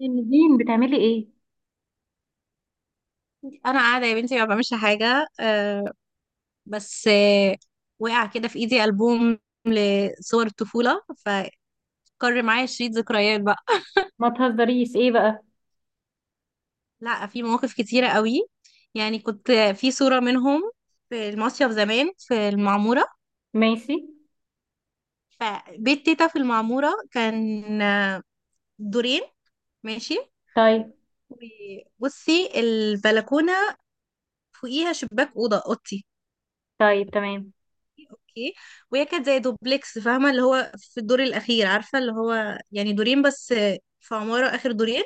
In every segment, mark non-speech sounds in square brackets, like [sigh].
نادين بتعملي ايه؟ انا قاعده يا بنتي ما بعملش حاجه. آه، بس. آه، وقع كده في ايدي البوم لصور الطفوله، فكر معايا شريط ذكريات بقى. ما تهزريش ايه بقى. [laughs] لا، في مواقف كتيره قوي. يعني كنت في صوره منهم في المصيف زمان في المعموره. ماشي. فبيت تيتا في المعموره كان دورين. ماشي. طيب. وبصي البلكونه فوقيها شباك اوضه اوضتي. طيب تمام. اوكي. وهي كانت زي دوبلكس، فاهمه؟ اللي هو في الدور الاخير، عارفه؟ اللي هو يعني دورين بس في عماره، اخر دورين.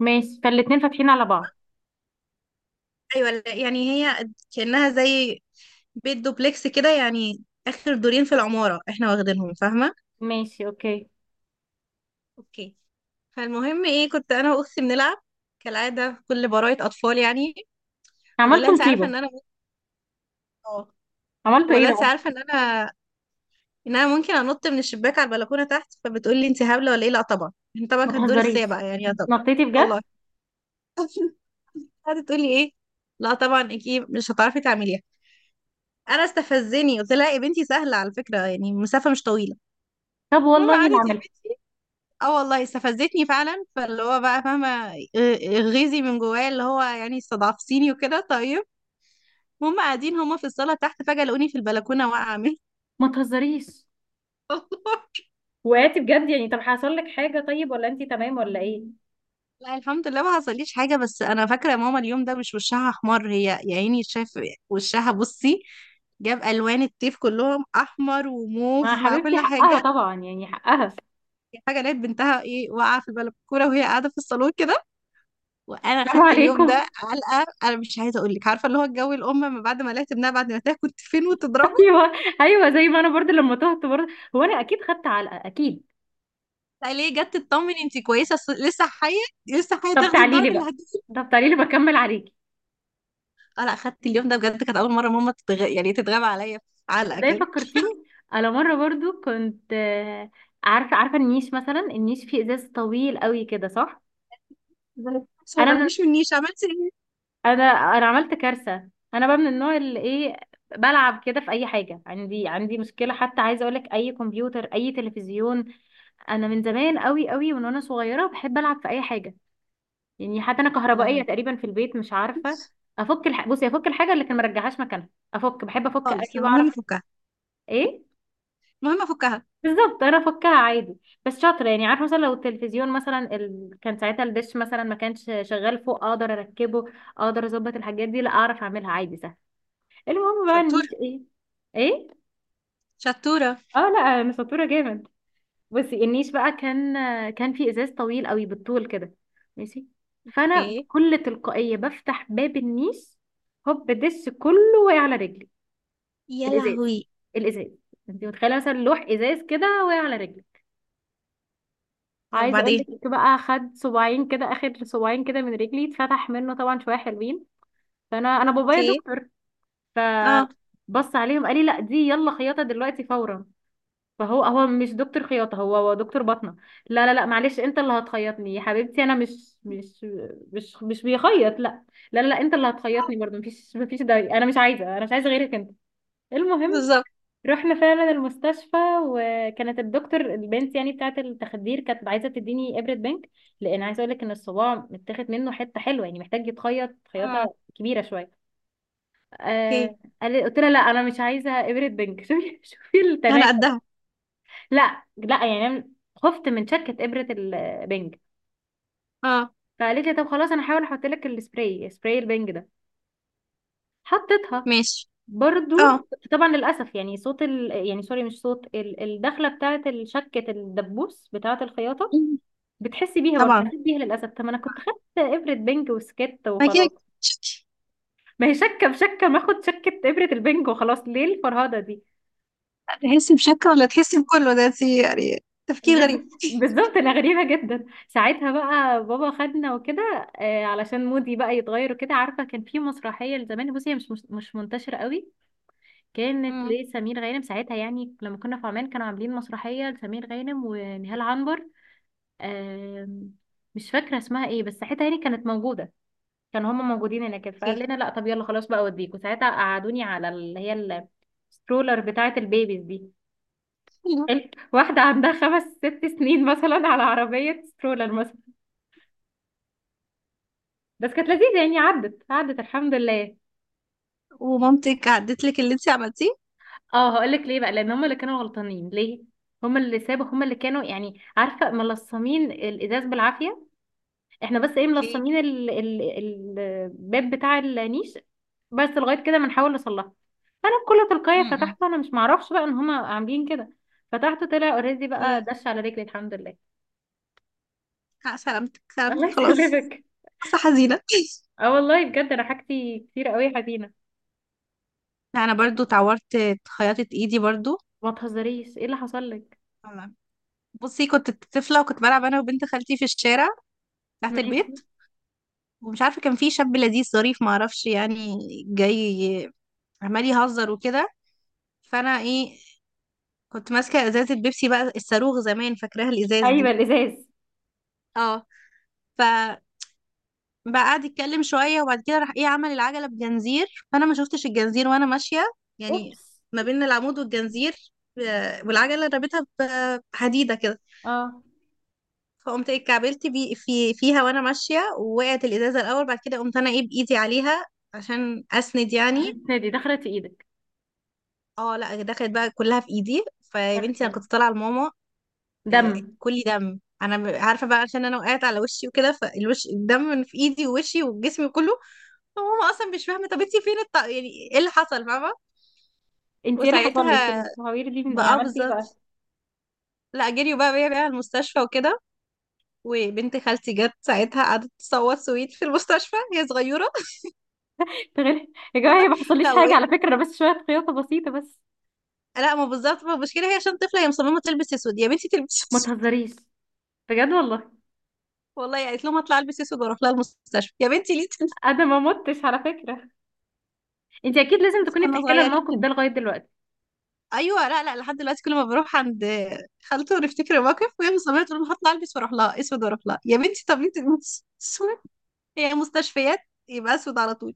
ماشي، فالاتنين فاتحين على بعض. ايوه، لا، يعني هي كانها زي بيت دوبلكس كده، يعني اخر دورين في العماره احنا واخدينهم، فاهمه؟ ماشي اوكي. اوكي. فالمهم ايه، كنت انا واختي بنلعب كالعاده، كل براءه اطفال يعني. فبقول لها عملتوا انت عارفه مصيبة؟ ان انا ممكن. اه. عملتوا بقول ايه لها انت بقى؟ عارفه ان انا ممكن انط من الشباك على البلكونه تحت. فبتقول لي انت هبله ولا ايه، لا طبعا، احنا طبعا ما كان دور تهزريش، السابع يعني، يا طبعا. نطيتي بجد؟ والله. قعدت تقولي ايه، لا طبعا اكيد مش هتعرفي تعمليها. انا استفزني، قلت لها يا بنتي سهله على فكره، يعني المسافه مش طويله. طب المهم والله انا قعدت يا اعملها. بنتي، اه والله استفزتني فعلا. فاللي هو بقى فاهمه، غيظي من جوايا، اللي هو يعني استضعفتيني وكده. طيب، هم قاعدين هم في الصاله تحت، فجاه لقوني في البلكونه واقعه مني. ما تهزريش، [laughs] والله. وقعتي بجد يعني؟ طب حصل لك حاجة؟ طيب ولا انتي تمام ولا ايه؟ لا الحمد لله ما حصليش حاجه. بس انا فاكره ماما اليوم ده مش وشها احمر، هي يا عيني شايف وشها، بصي، جاب الوان الطيف كلهم، احمر وموف ما مع حبيبتي كل حاجه. حقها طبعا، يعني حقها. حاجه، لقيت بنتها ايه واقعه في البلكونه وهي قاعده في الصالون كده. وانا السلام خدت اليوم ده عليكم. علقه، انا مش عايزه اقول لك. عارفه اللي هو الجو الام ما بعد ما لقيت ابنها، بعد ما تاكل كنت فين [laughs] وتضربه. ايوه. ايوه، زي ما انا برضه لما تهت برضه. هو انا اكيد خدت علقة، اكيد. لا ليه، جت تطمن انت كويسه، لسه حيه، لسه حيه طب تاخدي تعالي لي الضرب اللي بقى. هتجيبه. طب تعالي لي بكمل عليك. اه لا خدت اليوم ده بجد، كانت اول مره ماما يعني تتغاب عليا علقه ده كده. فكرتيني. انا مره برضو كنت عارفه عارفه النيش، مثلا النيش فيه ازاز طويل قوي كده، صح؟ بس ما انا من تقربيش منيش، عملتي ايه؟ انا انا عملت كارثه. انا بقى من النوع اللي ايه، بلعب كده في اي حاجه. عندي مشكله حتى، عايزه اقولك، اي كمبيوتر اي تلفزيون، انا من زمان قوي من وانا صغيره بحب العب في اي حاجه. يعني حتى انا يا كهربائيه لهوي. تقريبا في البيت، مش عارفه. بصي، افك الحاجه اللي كان مرجعهاش مكانها، افك، بحب افك، خالص. اكل المهم واعرف افكها. ايه. المهم افكها. بالظبط، انا فكها عادي، بس شاطره يعني. عارفه مثلا لو التلفزيون مثلا كان ساعتها الدش مثلا ما كانش شغال فوق، اقدر اركبه، اقدر اظبط الحاجات دي، لا اعرف اعملها عادي سهل. المهم بقى شطوره. النيش ايه. ايه. شطوره. اه لا انا شطوره جامد. بصي النيش بقى كان في ازاز طويل قوي بالطول كده. ماشي. فانا ايه. بكل تلقائيه بفتح باب النيش، هوب دش كله واقع على رجلي. يا الازاز، لهوي. الازاز. انت متخيله مثلا لوح ازاز كده واقع على رجلي؟ طب عايزه اقول وبعدين. لك بقى، خد صباعين كده، اخر صباعين كده من رجلي اتفتح منه طبعا شويه حلوين. فانا بابايا اوكي. دكتور، اه. آه، فبص عليهم قال لي لا دي يلا خياطه دلوقتي فورا. فهو مش دكتور خياطه، هو دكتور باطنه. لا لا لا معلش، انت اللي هتخيطني يا حبيبتي. انا مش مش بيخيط، لا. لا لا، انت اللي هتخيطني برضه. مفيش داعي، انا مش عايزه، انا مش عايزه غيرك انت. المهم بالظبط. رحنا فعلا المستشفى، وكانت الدكتور البنت يعني بتاعه التخدير كانت عايزه تديني ابره بنك، لان عايزه اقول لك ان الصباع متاخد منه حته حلوه، يعني محتاج يتخيط اه. خياطه كبيره شويه. اوكي. قلت لها لا انا مش عايزه ابره بنك. [laughs] شوفي شوفي انا التناكر. قدها. لا لا، يعني أنا خفت من شكه ابره البنك. اه. فقالت لي طب خلاص انا هحاول احط لك السبراي، سبراي البنج ده. حطيتها ماشي. اه. برضو. طبعا للاسف يعني صوت يعني سوري، مش صوت الدخله بتاعه الشكه، الدبوس بتاعه الخياطه، مم. بتحسي بيها برضو. طبعا. حسيت بيها للاسف. طب ما انا كنت خدت ابره بنج وسكت اكيد. وخلاص. ما هي شكه بشكه، ما اخد شكه ابره البنج وخلاص، ليه الفرهده دي. تحسي بشكل ولا تحسي بكله؟ ده انت يعني تفكير غريب. بالظبط، انا غريبه جدا. ساعتها بقى بابا خدنا وكده، علشان مودي بقى يتغير وكده. عارفه كان في مسرحيه لزمان، بصي هي مش مش منتشره قوي، كانت امم. لسمير غانم ساعتها. يعني لما كنا في عمان كانوا عاملين مسرحية لسمير غانم ونهال عنبر. آم، مش فاكرة اسمها ايه، بس ساعتها يعني كانت موجودة، كانوا هما موجودين هناك. فقال اوكي. لنا لا طب يلا خلاص بقى اوديكوا. ساعتها قعدوني على اللي هي السترولر بتاعة البيبيز دي، حلو. واحدة عندها خمس ست سنين مثلا على عربية سترولر مثلا. بس كانت لذيذة يعني، عدت الحمد لله. ومامتك عدت لك اللي انت عملتيه؟ اه هقولك ليه بقى، لان هم اللي كانوا غلطانين. ليه؟ هم اللي سابوا، هم اللي كانوا يعني عارفه ملصمين الازاز بالعافيه. احنا بس ايه، اوكي. ملصمين الباب بتاع النيش، بس لغايه كده بنحاول نصلحه. انا بكل تلقائيه امم. فتحته، انا مش معرفش بقى ان هم عاملين كده. فتحته طلع اوريدي بقى اوكي. دش على رجلي، الحمد لله. آه، سلامتك، [laughs] الله سلامتك. خلاص. يسلمك. قصة حزينة. اه والله بجد انا حاجتي كتير قوي يا حزينه. انا برضو اتعورت، خياطة ايدي برضو. ما تهزريش، ايه اللي حصل لك؟ والله. بصي، كنت طفلة وكنت بلعب انا وبنت خالتي في الشارع تحت ماشي. البيت. ومش عارفة، كان في شاب لذيذ ظريف، معرفش يعني، جاي عمال يهزر وكده. فانا ايه، كنت ماسكه ازازه بيبسي بقى، الصاروخ زمان، فاكراها الازاز ايوه، دي؟ الازاز. اه. ف بقى، قعد يتكلم شويه وبعد كده راح ايه، عمل العجله بجنزير. فانا ما شفتش الجنزير وانا ماشيه، يعني اوبس. ما بين العمود والجنزير، آه، والعجله رابطها بحديده كده. اه. فقمت ايه اتكعبلت بي فيها وانا ماشيه، ووقعت الازازه الاول، بعد كده قمت انا ايه بايدي عليها عشان اسند يعني. [laughs] دي دخلت في ايدك؟ اه لا دخلت بقى كلها في ايدي، فيا بنتي انا [laughs] كنت طالعه لماما. دم. إيه، كلي دم انا، عارفه بقى، عشان انا وقعت على وشي وكده، فالوش الدم من في ايدي ووشي وجسمي كله. فماما اصلا مش فاهمه، طب انتي فين يعني ايه اللي حصل، فاهمه؟ انت ايه اللي حصل لك؟ وساعتها التهوير دي من ايه؟ بقى آه، عملتي ايه بقى؟ بالظبط. لا جريوا بقى بيا بقى على المستشفى وكده، وبنت خالتي جت ساعتها قعدت تصوت سويت في المستشفى، هي صغيره. [laughs] تغير. يا جماعه والله. هي ما حصليش لا حاجه وايه، على فكره، انا بس شويه خياطه بسيطه بس. لا ما بالظبط، ما المشكله هي عشان طفله، هي مصممه تلبس اسود، يا بنتي تلبسي ما اسود. تهزريش. بجد والله، والله قالت لهم هطلع البس اسود واروح لها المستشفى، يا بنتي ليه تلبسي انا ما متش على فكره. انت اكيد لازم أسود؟ تكوني كنا بتحكي لها الموقف صغيرين. ده لغايه دلوقتي. ايوه لا لا، لحد دلوقتي كل ما بروح عند خالته ونفتكر الموقف وهي مصممه تقول لي هطلع البس واروح لها اسود، واروح لها يا بنتي، طب انت [laughs] اسود، هي مستشفيات، يبقى اسود على طول.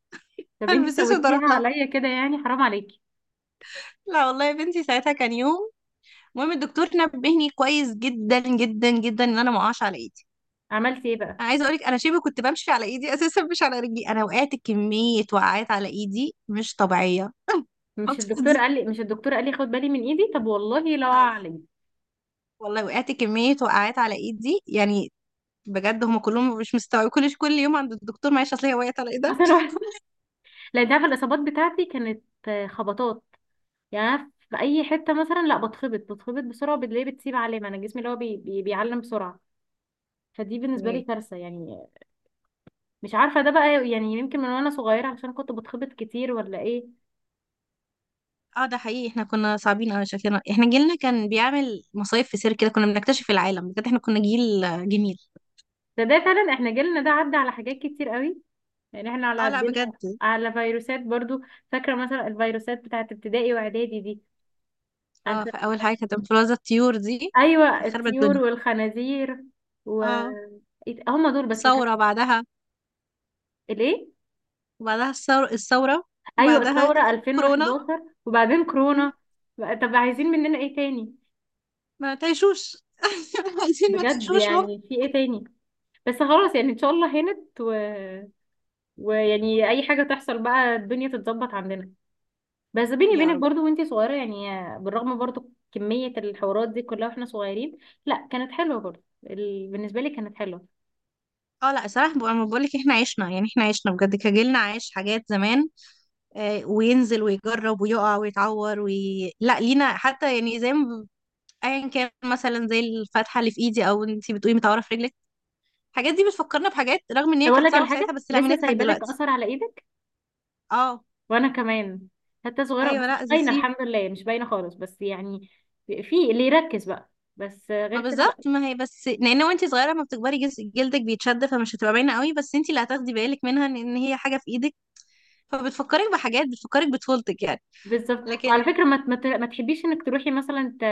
طب انت هلبس اسود واروح سويتيها لها. عليا كده يعني، حرام عليكي. لا والله يا بنتي ساعتها كان يوم. المهم الدكتور نبهني كويس جدا جدا جدا ان انا ما اقعش على ايدي. عملتي ايه بقى؟ انا عايزه اقولك انا شبه كنت بمشي على ايدي [laughs] اساسا، مش على رجلي، انا وقعت كميه وقعات على ايدي مش طبيعيه مش الفترة الدكتور دي. قال لي، مش الدكتور قال لي خد بالي من ايدي؟ طب والله لا اعلم. والله وقعت كمية وقعات على ايدي يعني، بجد هم كلهم مش مستوعبين، كل يوم عند الدكتور، معلش، اصل هي وقعت على ايه ده. اصل انا [laughs] لا انت عارفه الاصابات بتاعتي كانت خبطات. يعني أنا في اي حته مثلا لا بتخبط بسرعه وبتلاقيه بتسيب علامه. انا جسمي اللي هو بيعلم بسرعه، فدي بالنسبة لي ايه. كارثة يعني. مش عارفة ده بقى يعني، يمكن من وانا صغيرة عشان كنت بتخبط كتير ولا ايه. اه ده حقيقي، احنا كنا صعبين قوي شكلنا، احنا جيلنا كان بيعمل مصايف في سير كده، كنا بنكتشف العالم بجد، احنا كنا جيل آه، جميل. ده فعلا احنا جيلنا ده عدى على حاجات كتير قوي، يعني احنا على اه لا قدنا. بجد. على فيروسات برضو، فاكرة مثلا الفيروسات بتاعت ابتدائي واعدادي دي. أنا اه، فا- فاول حاجه كانت انفلونزا الطيور دي، ايوه، كانت خربت الطيور الدنيا. والخنازير. و اه. هم دول بس اللي كانوا. ثوره بعدها. الايه. وبعدها الثوره. ايوه وبعدها الثورة كورونا. 2011 وبعدين م، كورونا. بقى- طب عايزين مننا ايه تاني؟ ما تعيشوش. [laughs] عايزين ما بجد تعيشوش، ممكن. يعني في ايه تاني؟ بس خلاص يعني ان شاء الله هانت، و ويعني اي حاجه تحصل بقى الدنيا تتظبط عندنا. بس بيني يا وبينك رب. برضو وانتي صغيره يعني، بالرغم برضو كميه الحوارات دي كلها واحنا صغيرين، لا كانت حلوه برضو. بالنسبه لي كانت حلوه. اه لا صراحه انا بقول لك احنا عشنا، يعني احنا عشنا بجد كجيلنا، عايش حاجات زمان آه، وينزل ويجرب ويقع ويتعور لا لينا حتى يعني، زي ما ايا كان مثلا زي الفتحه اللي في ايدي، او انتي بتقولي متعوره في رجلك، الحاجات دي بتفكرنا بحاجات، رغم ان طب هي اقول كانت لك صعبه على في ساعتها، حاجه بس لا لسه بنضحك سايبه لك دلوقتي. اثر على ايدك، اه. وانا كمان، حتى صغيره ايوه بس مش لا باينه سيب. الحمد لله، مش باينه خالص، بس يعني في اللي يركز بقى، بس غير ما كده لا. بالظبط، ما هي بس لان وانتي صغيره ما بتكبري، جلدك بيتشد، فمش هتبقى باينه قوي، بس انتي اللي هتاخدي بالك منها إن هي حاجه في ايدك، فبتفكرك بحاجات، بتفكرك بطفولتك يعني. بالظبط. لكن، وعلى فكره، ما تحبيش انك تروحي مثلا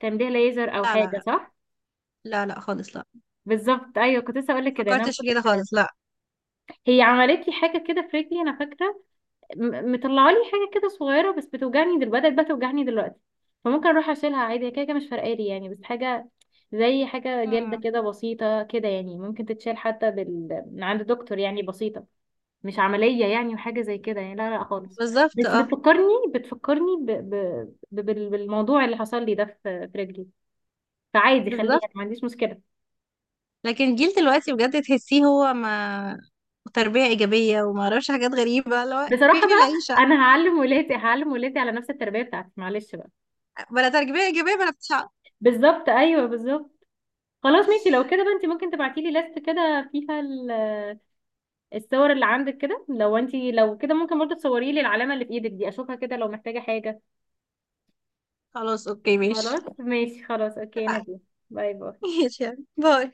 تمليه ليزر او لا لا حاجه، لا صح؟ لا خالص لا. بالظبط ايوه، كنت لسه اقول لك كده يعني. انا فكرتش في كده خالص، لا. هي عملت لي حاجه كده في رجلي انا فاكره، مطلعه لي حاجه كده صغيره، بس بتوجعني بدات بقى توجعني دلوقتي. فممكن اروح اشيلها عادي، هي كده كده مش فارقالي يعني، بس حاجه زي حاجه جلده مم. كده بسيطه كده يعني، ممكن تتشال حتى من عند دكتور، يعني بسيطه، مش عمليه يعني. وحاجه زي كده يعني لا لا خالص. بالظبط، بس اه، بتفكرني، بتفكرني بالموضوع اللي حصل لي ده في في رجلي. فعادي بالظبط. خليها، ما عنديش مشكله. لكن الجيل دلوقتي بجد تحسيه، هو ما تربية إيجابية وما أعرفش حاجات غريبة، اللي هو بصراحه فين بقى العيشة. انا هعلم ولادي، هعلم ولادي على نفس التربيه بتاعتي معلش بقى. بلا تربية إيجابية بلا بتاع. بالظبط ايوه بالظبط. خلاص ماشي، لو كده بقى انت ممكن تبعتي لي لست كده فيها الصور اللي عندك كده. لو انت لو كده ممكن برضه تصوري لي العلامه اللي في ايدك دي اشوفها كده لو محتاجه حاجه. خلاص أوكي، خلاص ماشي. ماشي، خلاص اوكي اتفقنا. نادي. باي باي. [laughs] ماشي، يعني، باي.